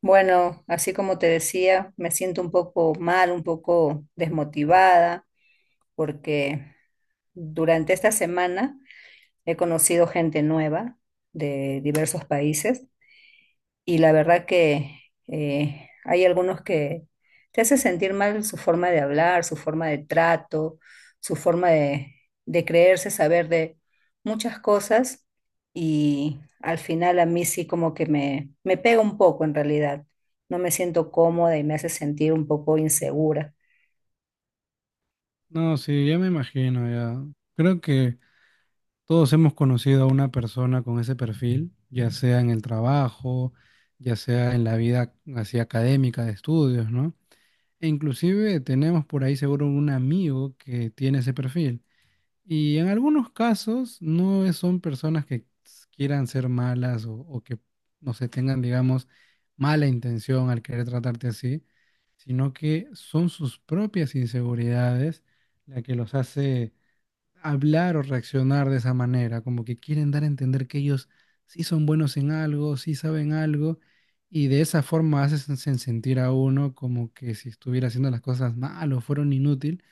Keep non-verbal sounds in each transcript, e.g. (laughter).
Bueno, así como te decía, me siento un poco mal, un poco desmotivada, porque durante esta semana he conocido gente nueva de diversos países y la verdad que hay algunos que te hace sentir mal su forma de hablar, su forma de trato, su forma de creerse, saber de muchas cosas y al final a mí sí como que me pega un poco en realidad. No me siento cómoda y me hace sentir un poco insegura. No, sí, ya me imagino, ya. Creo que todos hemos conocido a una persona con ese perfil, ya sea en el trabajo, ya sea en la vida así académica de estudios, ¿no? E inclusive tenemos por ahí seguro un amigo que tiene ese perfil. Y en algunos casos no es- son personas que quieran ser malas o que, no sé, tengan, digamos, mala intención al querer tratarte así, sino que son sus propias inseguridades la que los hace hablar o reaccionar de esa manera, como que quieren dar a entender que ellos sí son buenos en algo, sí saben algo, y de esa forma hacen sentir a uno como que si estuviera haciendo las cosas mal o fueron inútil,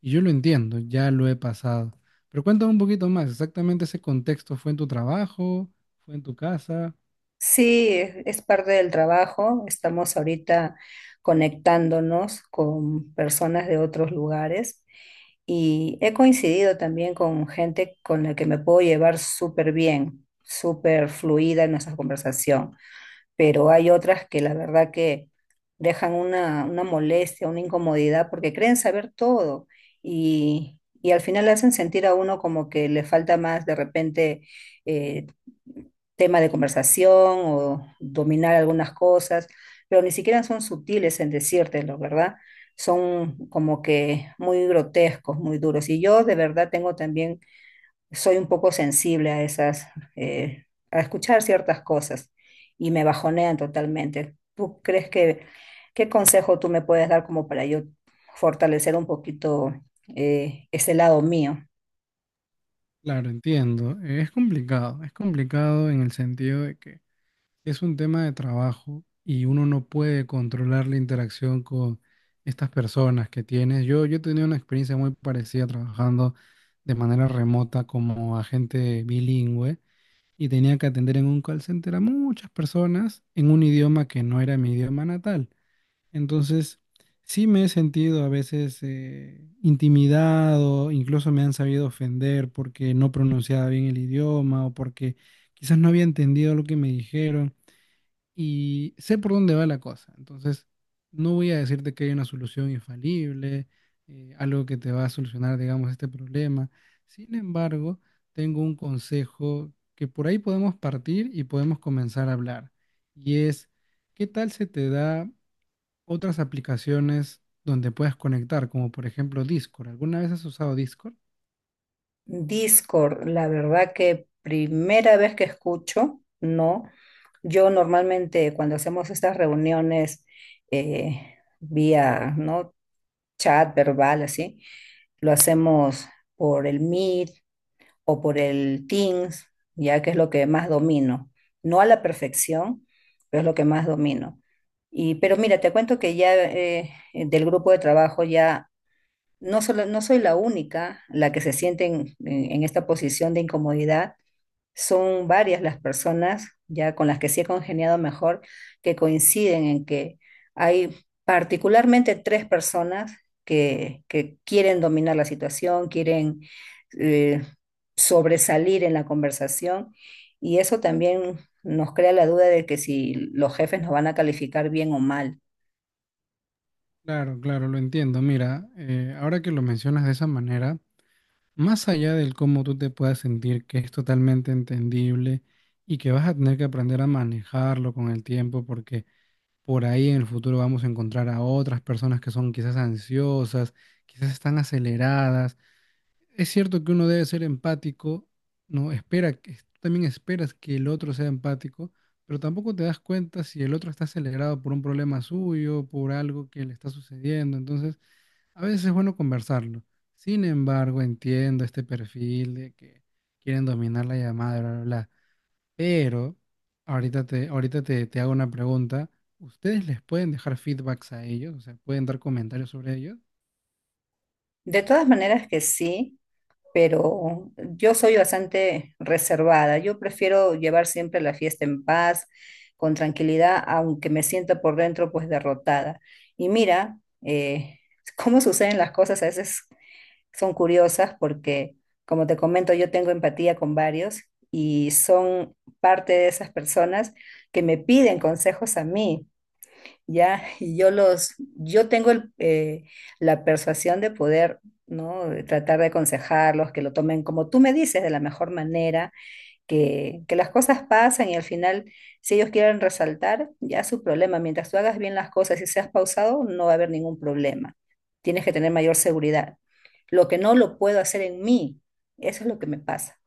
y yo lo entiendo, ya lo he pasado. Pero cuéntame un poquito más, exactamente ese contexto, ¿fue en tu trabajo? ¿Fue en tu casa? Sí, es parte del trabajo. Estamos ahorita conectándonos con personas de otros lugares y he coincidido también con gente con la que me puedo llevar súper bien, súper fluida en nuestra conversación, pero hay otras que la verdad que dejan una molestia, una incomodidad, porque creen saber todo y al final hacen sentir a uno como que le falta más de repente, eh, tema de conversación o dominar algunas cosas, pero ni siquiera son sutiles en decírtelo, ¿verdad? Son como que muy grotescos, muy duros. Y yo de verdad tengo también, soy un poco sensible a esas, a escuchar ciertas cosas y me bajonean totalmente. ¿Qué consejo tú me puedes dar como para yo fortalecer un poquito, ese lado mío? Claro, entiendo, es complicado en el sentido de que es un tema de trabajo y uno no puede controlar la interacción con estas personas que tienes. Yo he tenido una experiencia muy parecida trabajando de manera remota como agente bilingüe y tenía que atender en un call center a muchas personas en un idioma que no era mi idioma natal. Entonces, sí me he sentido a veces intimidado, incluso me han sabido ofender porque no pronunciaba bien el idioma o porque quizás no había entendido lo que me dijeron y sé por dónde va la cosa. Entonces, no voy a decirte que hay una solución infalible, algo que te va a solucionar, digamos, este problema. Sin embargo, tengo un consejo que por ahí podemos partir y podemos comenzar a hablar. Y es, ¿qué tal se te da otras aplicaciones donde puedas conectar, como por ejemplo Discord? ¿Alguna vez has usado Discord? Discord, la verdad que primera vez que escucho, no. Yo normalmente cuando hacemos estas reuniones, vía, ¿no? chat verbal, así, lo hacemos por el Meet o por el Teams, ya que es lo que más domino. No a la perfección, pero es lo que más domino. Y pero mira, te cuento que ya, del grupo de trabajo ya no, solo, no soy la única la que se siente en esta posición de incomodidad. Son varias las personas ya con las que sí he congeniado mejor, que coinciden en que hay particularmente tres personas que quieren dominar la situación, quieren, eh, sobresalir en la conversación, y eso también nos crea la duda de que si los jefes nos van a calificar bien o mal. Claro, claro, lo entiendo. Mira, ahora que lo mencionas de esa manera, más allá del cómo tú te puedas sentir, que es totalmente entendible y que vas a tener que aprender a manejarlo con el tiempo, porque por ahí en el futuro vamos a encontrar a otras personas que son quizás ansiosas, quizás están aceleradas. Es cierto que uno debe ser empático, no espera que tú también esperas que el otro sea empático, pero tampoco te das cuenta si el otro está acelerado por un problema suyo, por algo que le está sucediendo. Entonces, a veces es bueno conversarlo. Sin embargo, entiendo este perfil de que quieren dominar la llamada, bla, bla, bla. Pero ahorita te hago una pregunta. ¿Ustedes les pueden dejar feedbacks a ellos? O sea, ¿pueden dar comentarios sobre ellos? De todas maneras que sí, pero yo soy bastante reservada. Yo prefiero llevar siempre la fiesta en paz, con tranquilidad, aunque me sienta por dentro pues derrotada. Y mira, eh, (laughs) cómo suceden las cosas a veces son curiosas porque, como te comento, yo tengo empatía con varios y son parte de esas personas que me piden consejos a mí, ¿ya? (laughs) Y yo tengo el, la persuasión de poder, ¿no? de tratar de aconsejarlos, que lo tomen como tú me dices, de la mejor manera que las cosas pasan y al final, si ellos quieren resaltar, ya es su problema. Mientras tú hagas bien las cosas y seas pausado, no va a haber ningún problema. Tienes que tener mayor seguridad. Lo que no lo puedo hacer en mí, eso es lo que me pasa.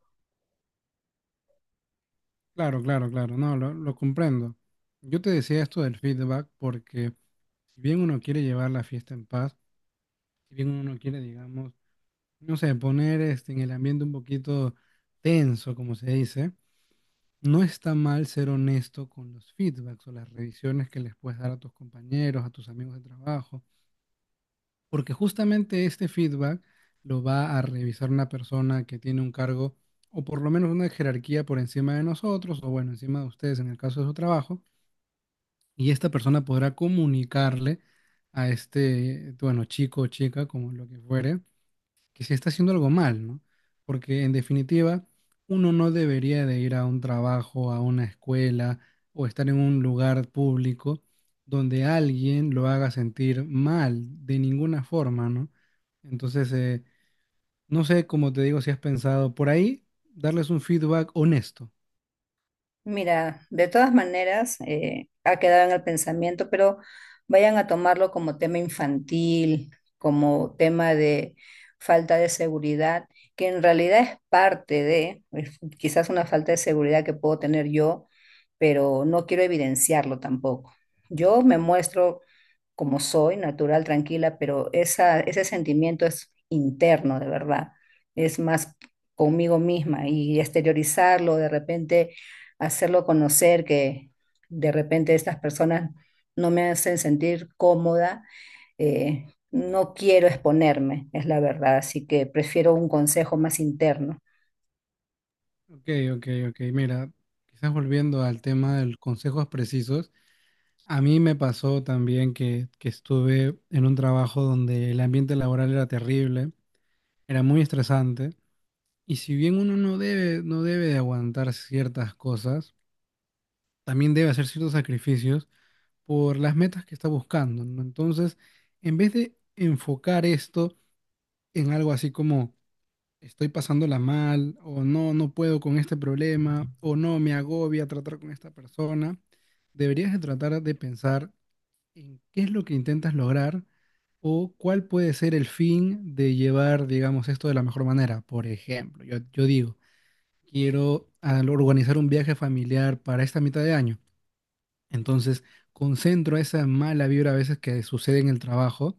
Claro, claro, claro. No, lo comprendo. Yo te decía esto del feedback porque si bien uno quiere llevar la fiesta en paz, si bien uno quiere, digamos, no sé, poner este, en el ambiente un poquito tenso, como se dice, no está mal ser honesto con los feedbacks o las revisiones que les puedes dar a tus compañeros, a tus amigos de trabajo, porque justamente este feedback lo va a revisar una persona que tiene un cargo o por lo menos una jerarquía por encima de nosotros o bueno, encima de ustedes en el caso de su trabajo, y esta persona podrá comunicarle a este, bueno, chico o chica, como lo que fuere, que se está haciendo algo mal, ¿no? Porque en definitiva, uno no debería de ir a un trabajo, a una escuela o estar en un lugar público donde alguien lo haga sentir mal de ninguna forma, ¿no? Entonces, no sé, como te digo, si has pensado por ahí, darles un feedback honesto. Mira, de todas maneras, ha quedado en el pensamiento, pero vayan a tomarlo como tema infantil, como tema de falta de seguridad, que en realidad es parte de, pues, quizás una falta de seguridad que puedo tener yo, pero no quiero evidenciarlo tampoco. Yo me muestro como soy, natural, tranquila, pero ese sentimiento es interno, de verdad. Es más conmigo misma, y exteriorizarlo, de repente, hacerlo conocer que de repente estas personas no me hacen sentir cómoda. eh, no quiero exponerme, es la verdad, así que prefiero un consejo más interno. Ok, ok, ok. Mira, quizás volviendo al tema de consejos precisos, a mí me pasó también que estuve en un trabajo donde el ambiente laboral era terrible. Era muy estresante. Y si bien uno no debe, no debe de aguantar ciertas cosas, también debe hacer ciertos sacrificios por las metas que está buscando, ¿no? Entonces, en vez de enfocar esto en algo así como estoy pasándola mal, o no, no puedo con este problema, o no, me agobia tratar con esta persona, deberías de tratar de pensar en qué es lo que intentas lograr o cuál puede ser el fin de llevar, digamos, esto de la mejor manera. Por ejemplo, yo digo, quiero al organizar un viaje familiar para esta mitad de año. Entonces, concentro esa mala vibra a veces que sucede en el trabajo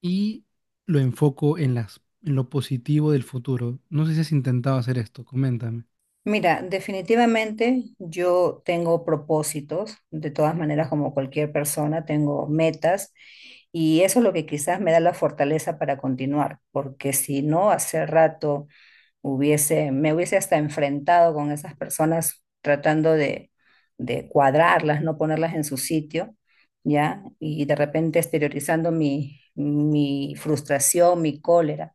y lo enfoco en en lo positivo del futuro. No sé si has intentado hacer esto, coméntame. Mira, definitivamente yo tengo propósitos, de todas maneras, como cualquier persona, tengo metas y eso es lo que quizás me da la fortaleza para continuar, porque si no, hace rato me hubiese hasta enfrentado con esas personas tratando de cuadrarlas, no ponerlas en su sitio, ¿ya? Y de repente exteriorizando mi frustración, mi cólera,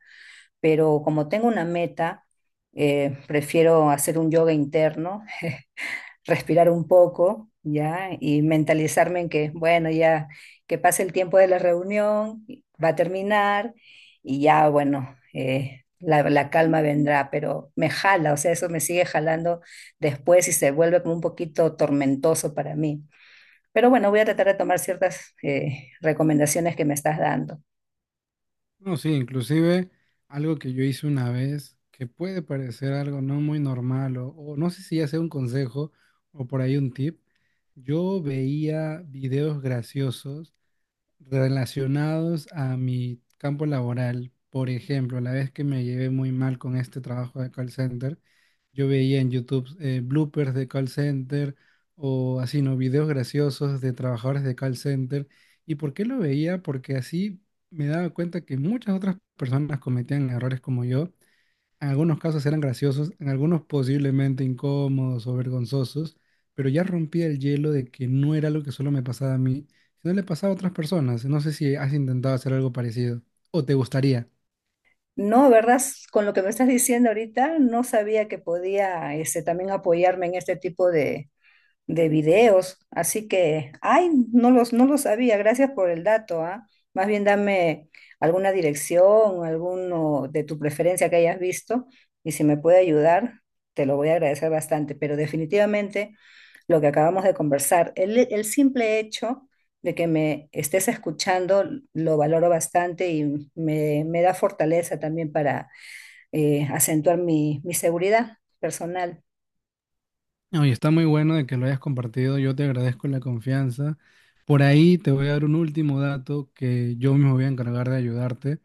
pero como tengo una meta, prefiero hacer un yoga interno, respirar un poco, ¿ya? Y mentalizarme en que, bueno, ya que pase el tiempo de la reunión, va a terminar y ya, bueno, la calma vendrá, pero me jala, o sea, eso me sigue jalando después y se vuelve como un poquito tormentoso para mí. Pero bueno, voy a tratar de tomar ciertas recomendaciones que me estás dando. No, sí, inclusive algo que yo hice una vez que puede parecer algo no muy normal o no sé si ya sea un consejo o por ahí un tip. Yo veía videos graciosos relacionados a mi campo laboral. Por ejemplo, la vez que me llevé muy mal con este trabajo de call center, yo veía en YouTube bloopers de call center o así, ¿no? Videos graciosos de trabajadores de call center. ¿Y por qué lo veía? Porque así me daba cuenta que muchas otras personas cometían errores como yo, en algunos casos eran graciosos, en algunos posiblemente incómodos o vergonzosos, pero ya rompía el hielo de que no era algo que solo me pasaba a mí, sino le pasaba a otras personas. No sé si has intentado hacer algo parecido o te gustaría. No, ¿verdad? Con lo que me estás diciendo ahorita, no sabía que podía este, también apoyarme en este tipo de videos. Así que, ay, no lo sabía. Gracias por el dato, ¿ah? Más bien dame alguna dirección, alguno de tu preferencia que hayas visto, y si me puede ayudar, te lo voy a agradecer bastante. Pero definitivamente lo que acabamos de conversar. El simple hecho de que me estés escuchando lo valoro bastante y me da fortaleza también para, acentuar mi seguridad personal. No, y está muy bueno de que lo hayas compartido. Yo te agradezco la confianza. Por ahí te voy a dar un último dato que yo mismo voy a encargar de ayudarte.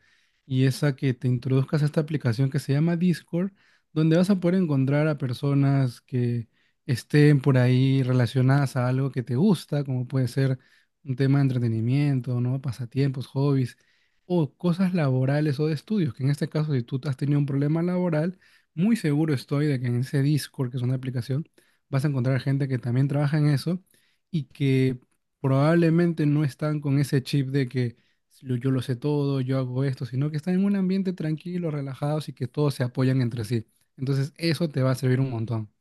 Y es a que te introduzcas a esta aplicación que se llama Discord, donde vas a poder encontrar a personas que estén por ahí relacionadas a algo que te gusta, como puede ser un tema de entretenimiento, ¿no? Pasatiempos, hobbies, o cosas laborales o de estudios, que en este caso, si tú has tenido un problema laboral, muy seguro estoy de que en ese Discord, que es una aplicación, vas a encontrar gente que también trabaja en eso y que probablemente no están con ese chip de que yo lo sé todo, yo hago esto, sino que están en un ambiente tranquilo, relajados y que todos se apoyan entre sí. Entonces, eso te va a servir un montón.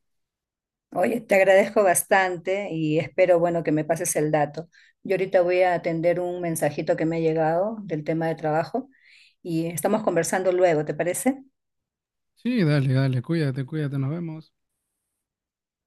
Oye, te agradezco bastante y espero, bueno, que me pases el dato. Yo ahorita voy a atender un mensajito que me ha llegado del tema de trabajo y estamos conversando luego, ¿te parece? Sí, dale, dale, cuídate, cuídate, nos vemos.